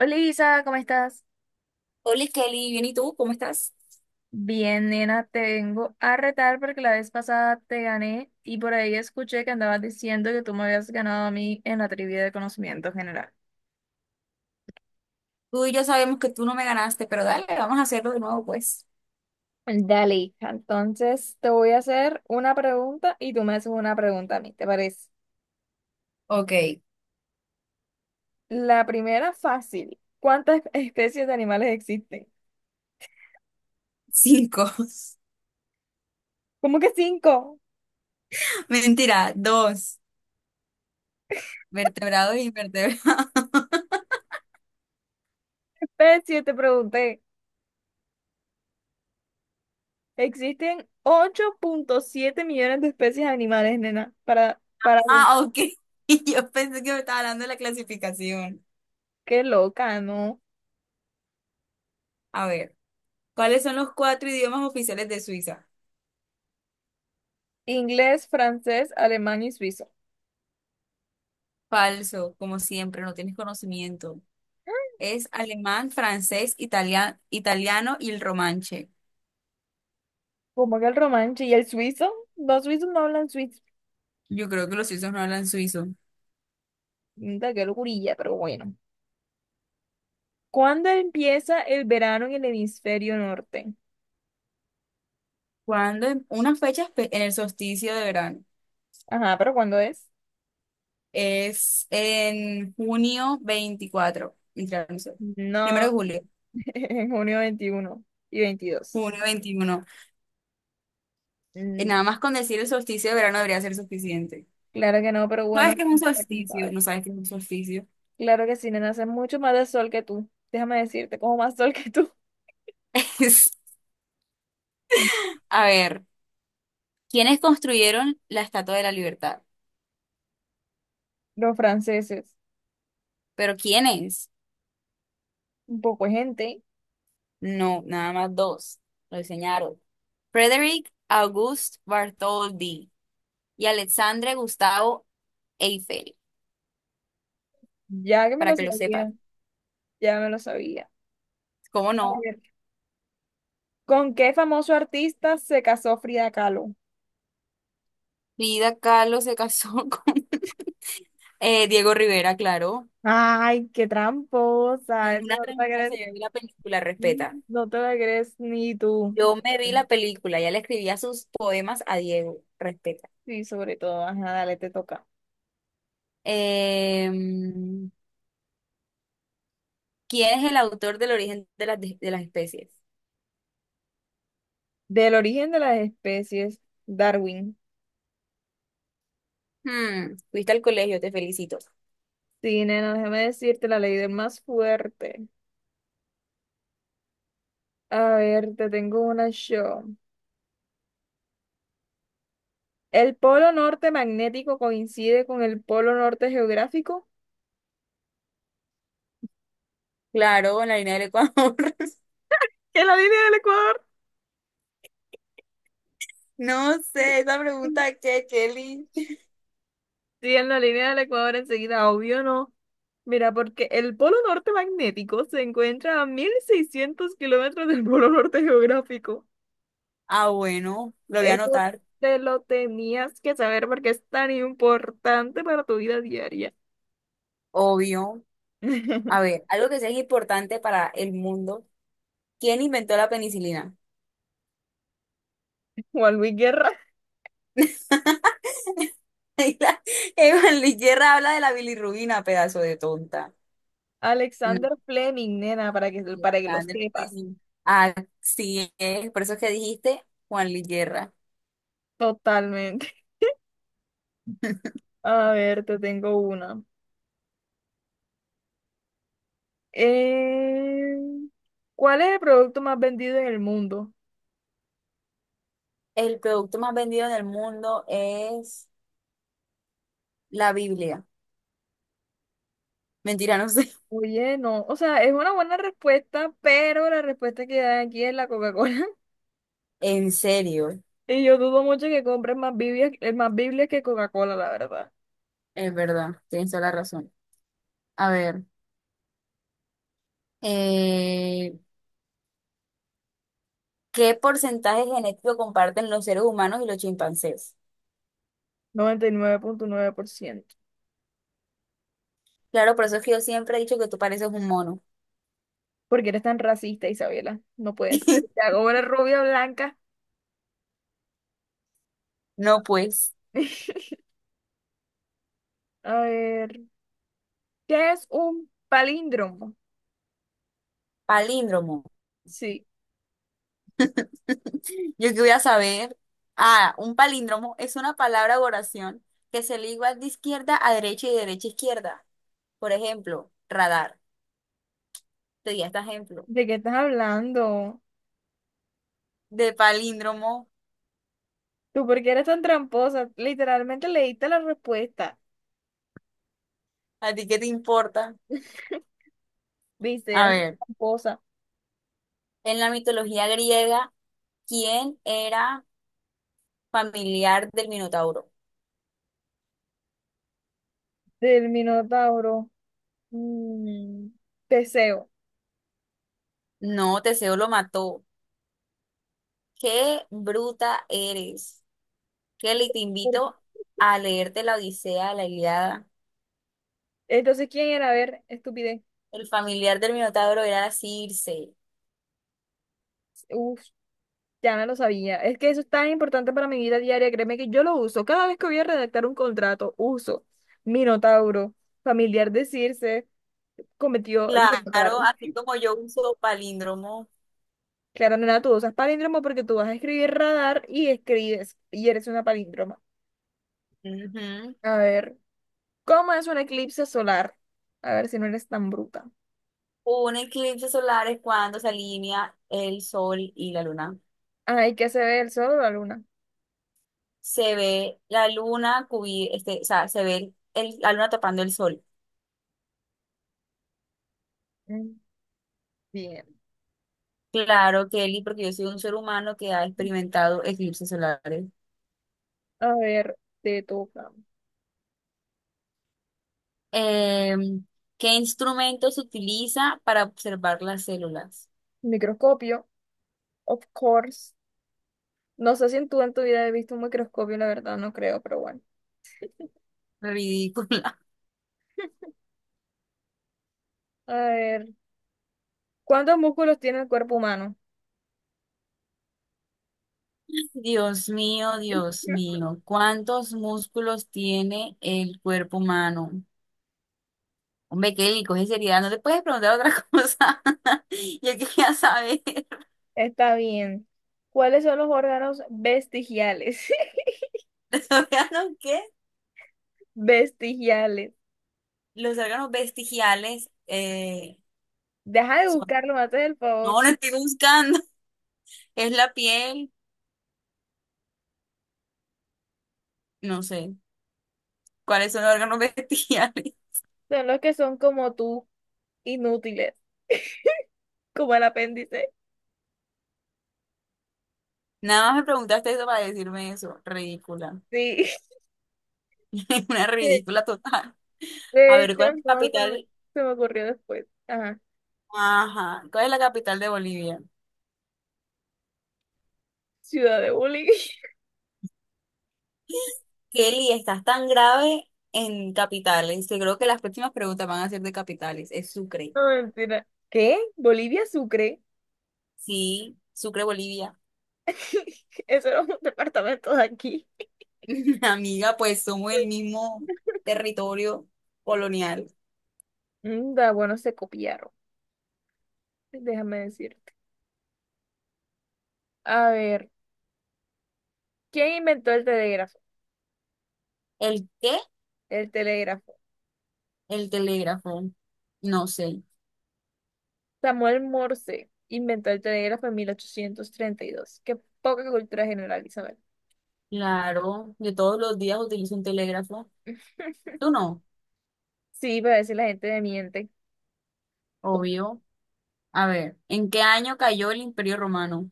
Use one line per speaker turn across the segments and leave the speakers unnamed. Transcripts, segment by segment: Hola Isa, ¿cómo estás?
Hola Kelly, bien, ¿y tú? ¿Cómo estás?
Bien, nena, te vengo a retar porque la vez pasada te gané y por ahí escuché que andabas diciendo que tú me habías ganado a mí en la trivia de conocimiento general.
Tú y yo sabemos que tú no me ganaste, pero dale, vamos a hacerlo de nuevo, pues.
Dale, hija. Entonces te voy a hacer una pregunta y tú me haces una pregunta a mí, ¿te parece?
Ok,
La primera fácil. ¿Cuántas especies de animales existen?
cinco.
¿Cómo que cinco
Mentira, dos. Vertebrados y invertebrados.
especies? Te pregunté. Existen 8,7 millones de especies de animales, nena. Para,
Ah, ok. Yo pensé que me estaba hablando de la clasificación.
qué loca, ¿no?
A ver, ¿cuáles son los cuatro idiomas oficiales de Suiza?
Inglés, francés, alemán y suizo.
Falso, como siempre, no tienes conocimiento. Es alemán, francés, italiano y el romanche.
Como que el romanche y el suizo, los suizos no hablan suizo.
Yo creo que los suizos no hablan suizo.
Mira, qué locurilla, pero bueno. ¿Cuándo empieza el verano en el hemisferio norte?
¿Cuándo? Una fecha en el solsticio de verano.
Ajá, pero ¿cuándo es?
Es en 24 de junio literal, no sé, primero
No,
de julio,
en junio 21 y 22.
21 de junio.
Mm,
Nada más con decir el solsticio de verano debería ser suficiente.
claro que no, pero
No, ¿sabes
bueno,
qué es un
para que no
solsticio?
saber.
No sabes qué es un solsticio.
Claro que sí, nena, hace mucho más de sol que tú. Déjame decirte, como más sol que tú.
Es, a ver, ¿quiénes construyeron la Estatua de la Libertad?
Los franceses,
¿Pero quiénes?
un poco de gente,
No, nada más dos. Lo diseñaron. Frederick August Bartholdi y Alexandre Gustavo Eiffel,
ya que me
para
lo
que lo sepan.
sabía, ya me lo sabía.
¿Cómo no?
¿Con qué famoso artista se casó Frida Kahlo?
Frida Kahlo se casó con Diego Rivera, claro.
Ay, qué tramposa.
Es
Eso
una
no te la
tramposa,
crees,
yo vi la película, respeta.
no te la crees ni tú.
Yo me vi la película, ya le escribía sus poemas a Diego, respeta.
Sí, sobre todo. Ajá, dale, te toca.
Em, ¿Quién es el autor del origen de las especies?
Del origen de las especies, Darwin.
Hmm, fuiste al colegio, te felicito.
Sí, nena, déjame decirte la ley del más fuerte. A ver, te tengo una show. ¿El polo norte magnético coincide con el polo norte geográfico?
Claro, en la línea del Ecuador.
¿En la línea del Ecuador?
No sé, esa pregunta que, Kelly.
Siguiendo la línea del Ecuador enseguida, obvio no. Mira, porque el polo norte magnético se encuentra a 1600 kilómetros del polo norte geográfico.
Ah, bueno, lo voy a
Eso
anotar,
te lo tenías que saber porque es tan importante para tu vida diaria.
obvio. A ver, algo que sea importante para el mundo. ¿Quién inventó la penicilina?
Juan Luis Guerra,
Evelyn Guerra habla de la bilirrubina, pedazo de tonta. No,
Alexander Fleming, nena, para que lo
Sandra,
sepas.
sí. Así es, por eso es que dijiste Juan Luis Guerra.
Totalmente. A ver, te tengo una. Eh, ¿Cuál es el producto más vendido en el mundo?
El producto más vendido en el mundo es la Biblia. Mentira, no sé.
Oye, no, o sea, es una buena respuesta, pero la respuesta que dan aquí es la Coca-Cola.
¿En serio?
Y yo dudo mucho que compren más Biblias que Coca-Cola, la verdad.
Es verdad, tienes toda la razón. A ver, eh, ¿qué porcentaje genético comparten los seres humanos y los chimpancés?
99.9%.
Claro, por eso es que yo siempre he dicho que tú pareces un mono.
Porque eres tan racista, Isabela. No puede ser. Te hago una rubia blanca.
No, pues,
A ver, ¿qué es un palíndromo?
palíndromo.
Sí,
Yo que voy a saber. Ah, un palíndromo es una palabra o oración que se lee igual de izquierda a derecha y de derecha a izquierda. Por ejemplo, radar. Te di este ejemplo.
¿de qué estás hablando?
De palíndromo.
¿Tú por qué eres tan tramposa? Literalmente leíste la respuesta.
¿A ti qué te importa?
Viste,
A
eres una
ver,
tramposa.
en la mitología griega, ¿quién era familiar del Minotauro?
Del Minotauro. Mm, Teseo.
No, Teseo lo mató. Qué bruta eres. Kelly, te
Por-
invito a leerte la Odisea, la Ilíada.
Entonces, ¿quién era? A ver, estupidez.
El familiar del Minotauro era Circe.
Uf, ya no lo sabía. Es que eso es tan importante para mi vida diaria. Créeme que yo lo uso. Cada vez que voy a redactar un contrato, uso Minotauro, familiar decirse, cometió lugar.
Claro, así como yo uso palíndromo,
Claro, nena, tú usas palíndromo porque tú vas a escribir radar y escribes y eres una palíndroma.
ujú.
A ver, ¿cómo es un eclipse solar? A ver si no eres tan bruta.
Un eclipse solar es cuando se alinea el sol y la luna.
Ay, ¿qué se ve el sol o la luna?
Se ve la luna o sea, se ve la luna tapando el sol.
Mm, Bien.
Claro, Kelly, porque yo soy un ser humano que ha experimentado eclipses solares.
A ver, te toca.
Em, ¿Qué instrumento se utiliza para observar las células?
Microscopio, of course. No sé si en tu vida has visto un microscopio, la verdad, no creo, pero bueno.
Ridícula.
A ver, ¿cuántos músculos tiene el cuerpo humano?
Dios mío, ¿cuántos músculos tiene el cuerpo humano? Hombre, Kelly, coge seriedad, no te puedes preguntar otra cosa. Yo quería saber.
Está bien. ¿Cuáles son los órganos vestigiales?
¿Los órganos qué?
Vestigiales.
Los órganos vestigiales
Deja de
son...
buscarlo, me haces el favor.
No, lo estoy buscando. Es la piel, no sé. ¿Cuáles son los órganos vestigiales?
Son los que son como tú, inútiles, como el apéndice.
Nada más me preguntaste eso para decirme eso. Ridícula.
Sí.
Una
De
ridícula total. A
de
ver,
hecho,
¿cuál es la
no,
capital?
se me ocurrió después. Ajá.
Ajá, ¿cuál es la capital de Bolivia?
Ciudad de bullying.
Kelly, estás tan grave en capitales que creo que las próximas preguntas van a ser de capitales. Es Sucre.
No, mentira. ¿Qué? ¿Bolivia Sucre?
Sí, Sucre, Bolivia.
Eso era un departamento de aquí.
Amiga, pues somos el mismo territorio colonial.
Da, bueno, se copiaron. Déjame decirte. A ver, ¿quién inventó el telégrafo?
¿El qué?
El telégrafo.
El telégrafo. No sé.
Samuel Morse inventó el telégrafo en 1832. Qué poca cultura general, Isabel.
Claro, yo todos los días utilizo un telégrafo. Tú no,
Sí, para decir la gente me miente. Como
obvio. A ver, ¿en qué año cayó el Imperio Romano?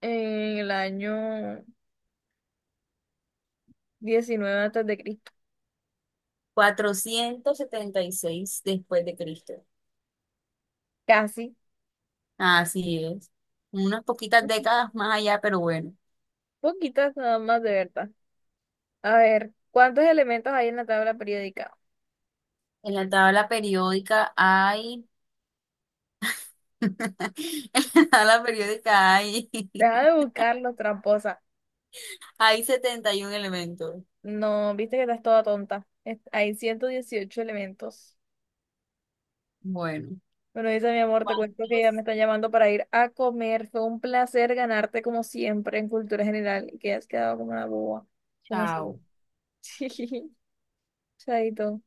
en el año 19 antes de Cristo.
476 después de Cristo.
Casi.
Así es. Unas poquitas décadas más allá, pero bueno.
Poquitas nada más de verdad. A ver, ¿cuántos elementos hay en la tabla periódica?
En la tabla periódica hay... En la tabla periódica hay...
Deja de buscarlo, tramposa.
Hay 71 elementos.
No, viste que estás toda tonta. Es- hay 118 elementos.
Bueno,
Bueno, dice mi amor, te cuento que ya me
¿cuántos?
están llamando para ir a comer. Fue un placer ganarte como siempre en cultura general y que has quedado como una boba. Como siempre.
Chao.
Sí, chaito.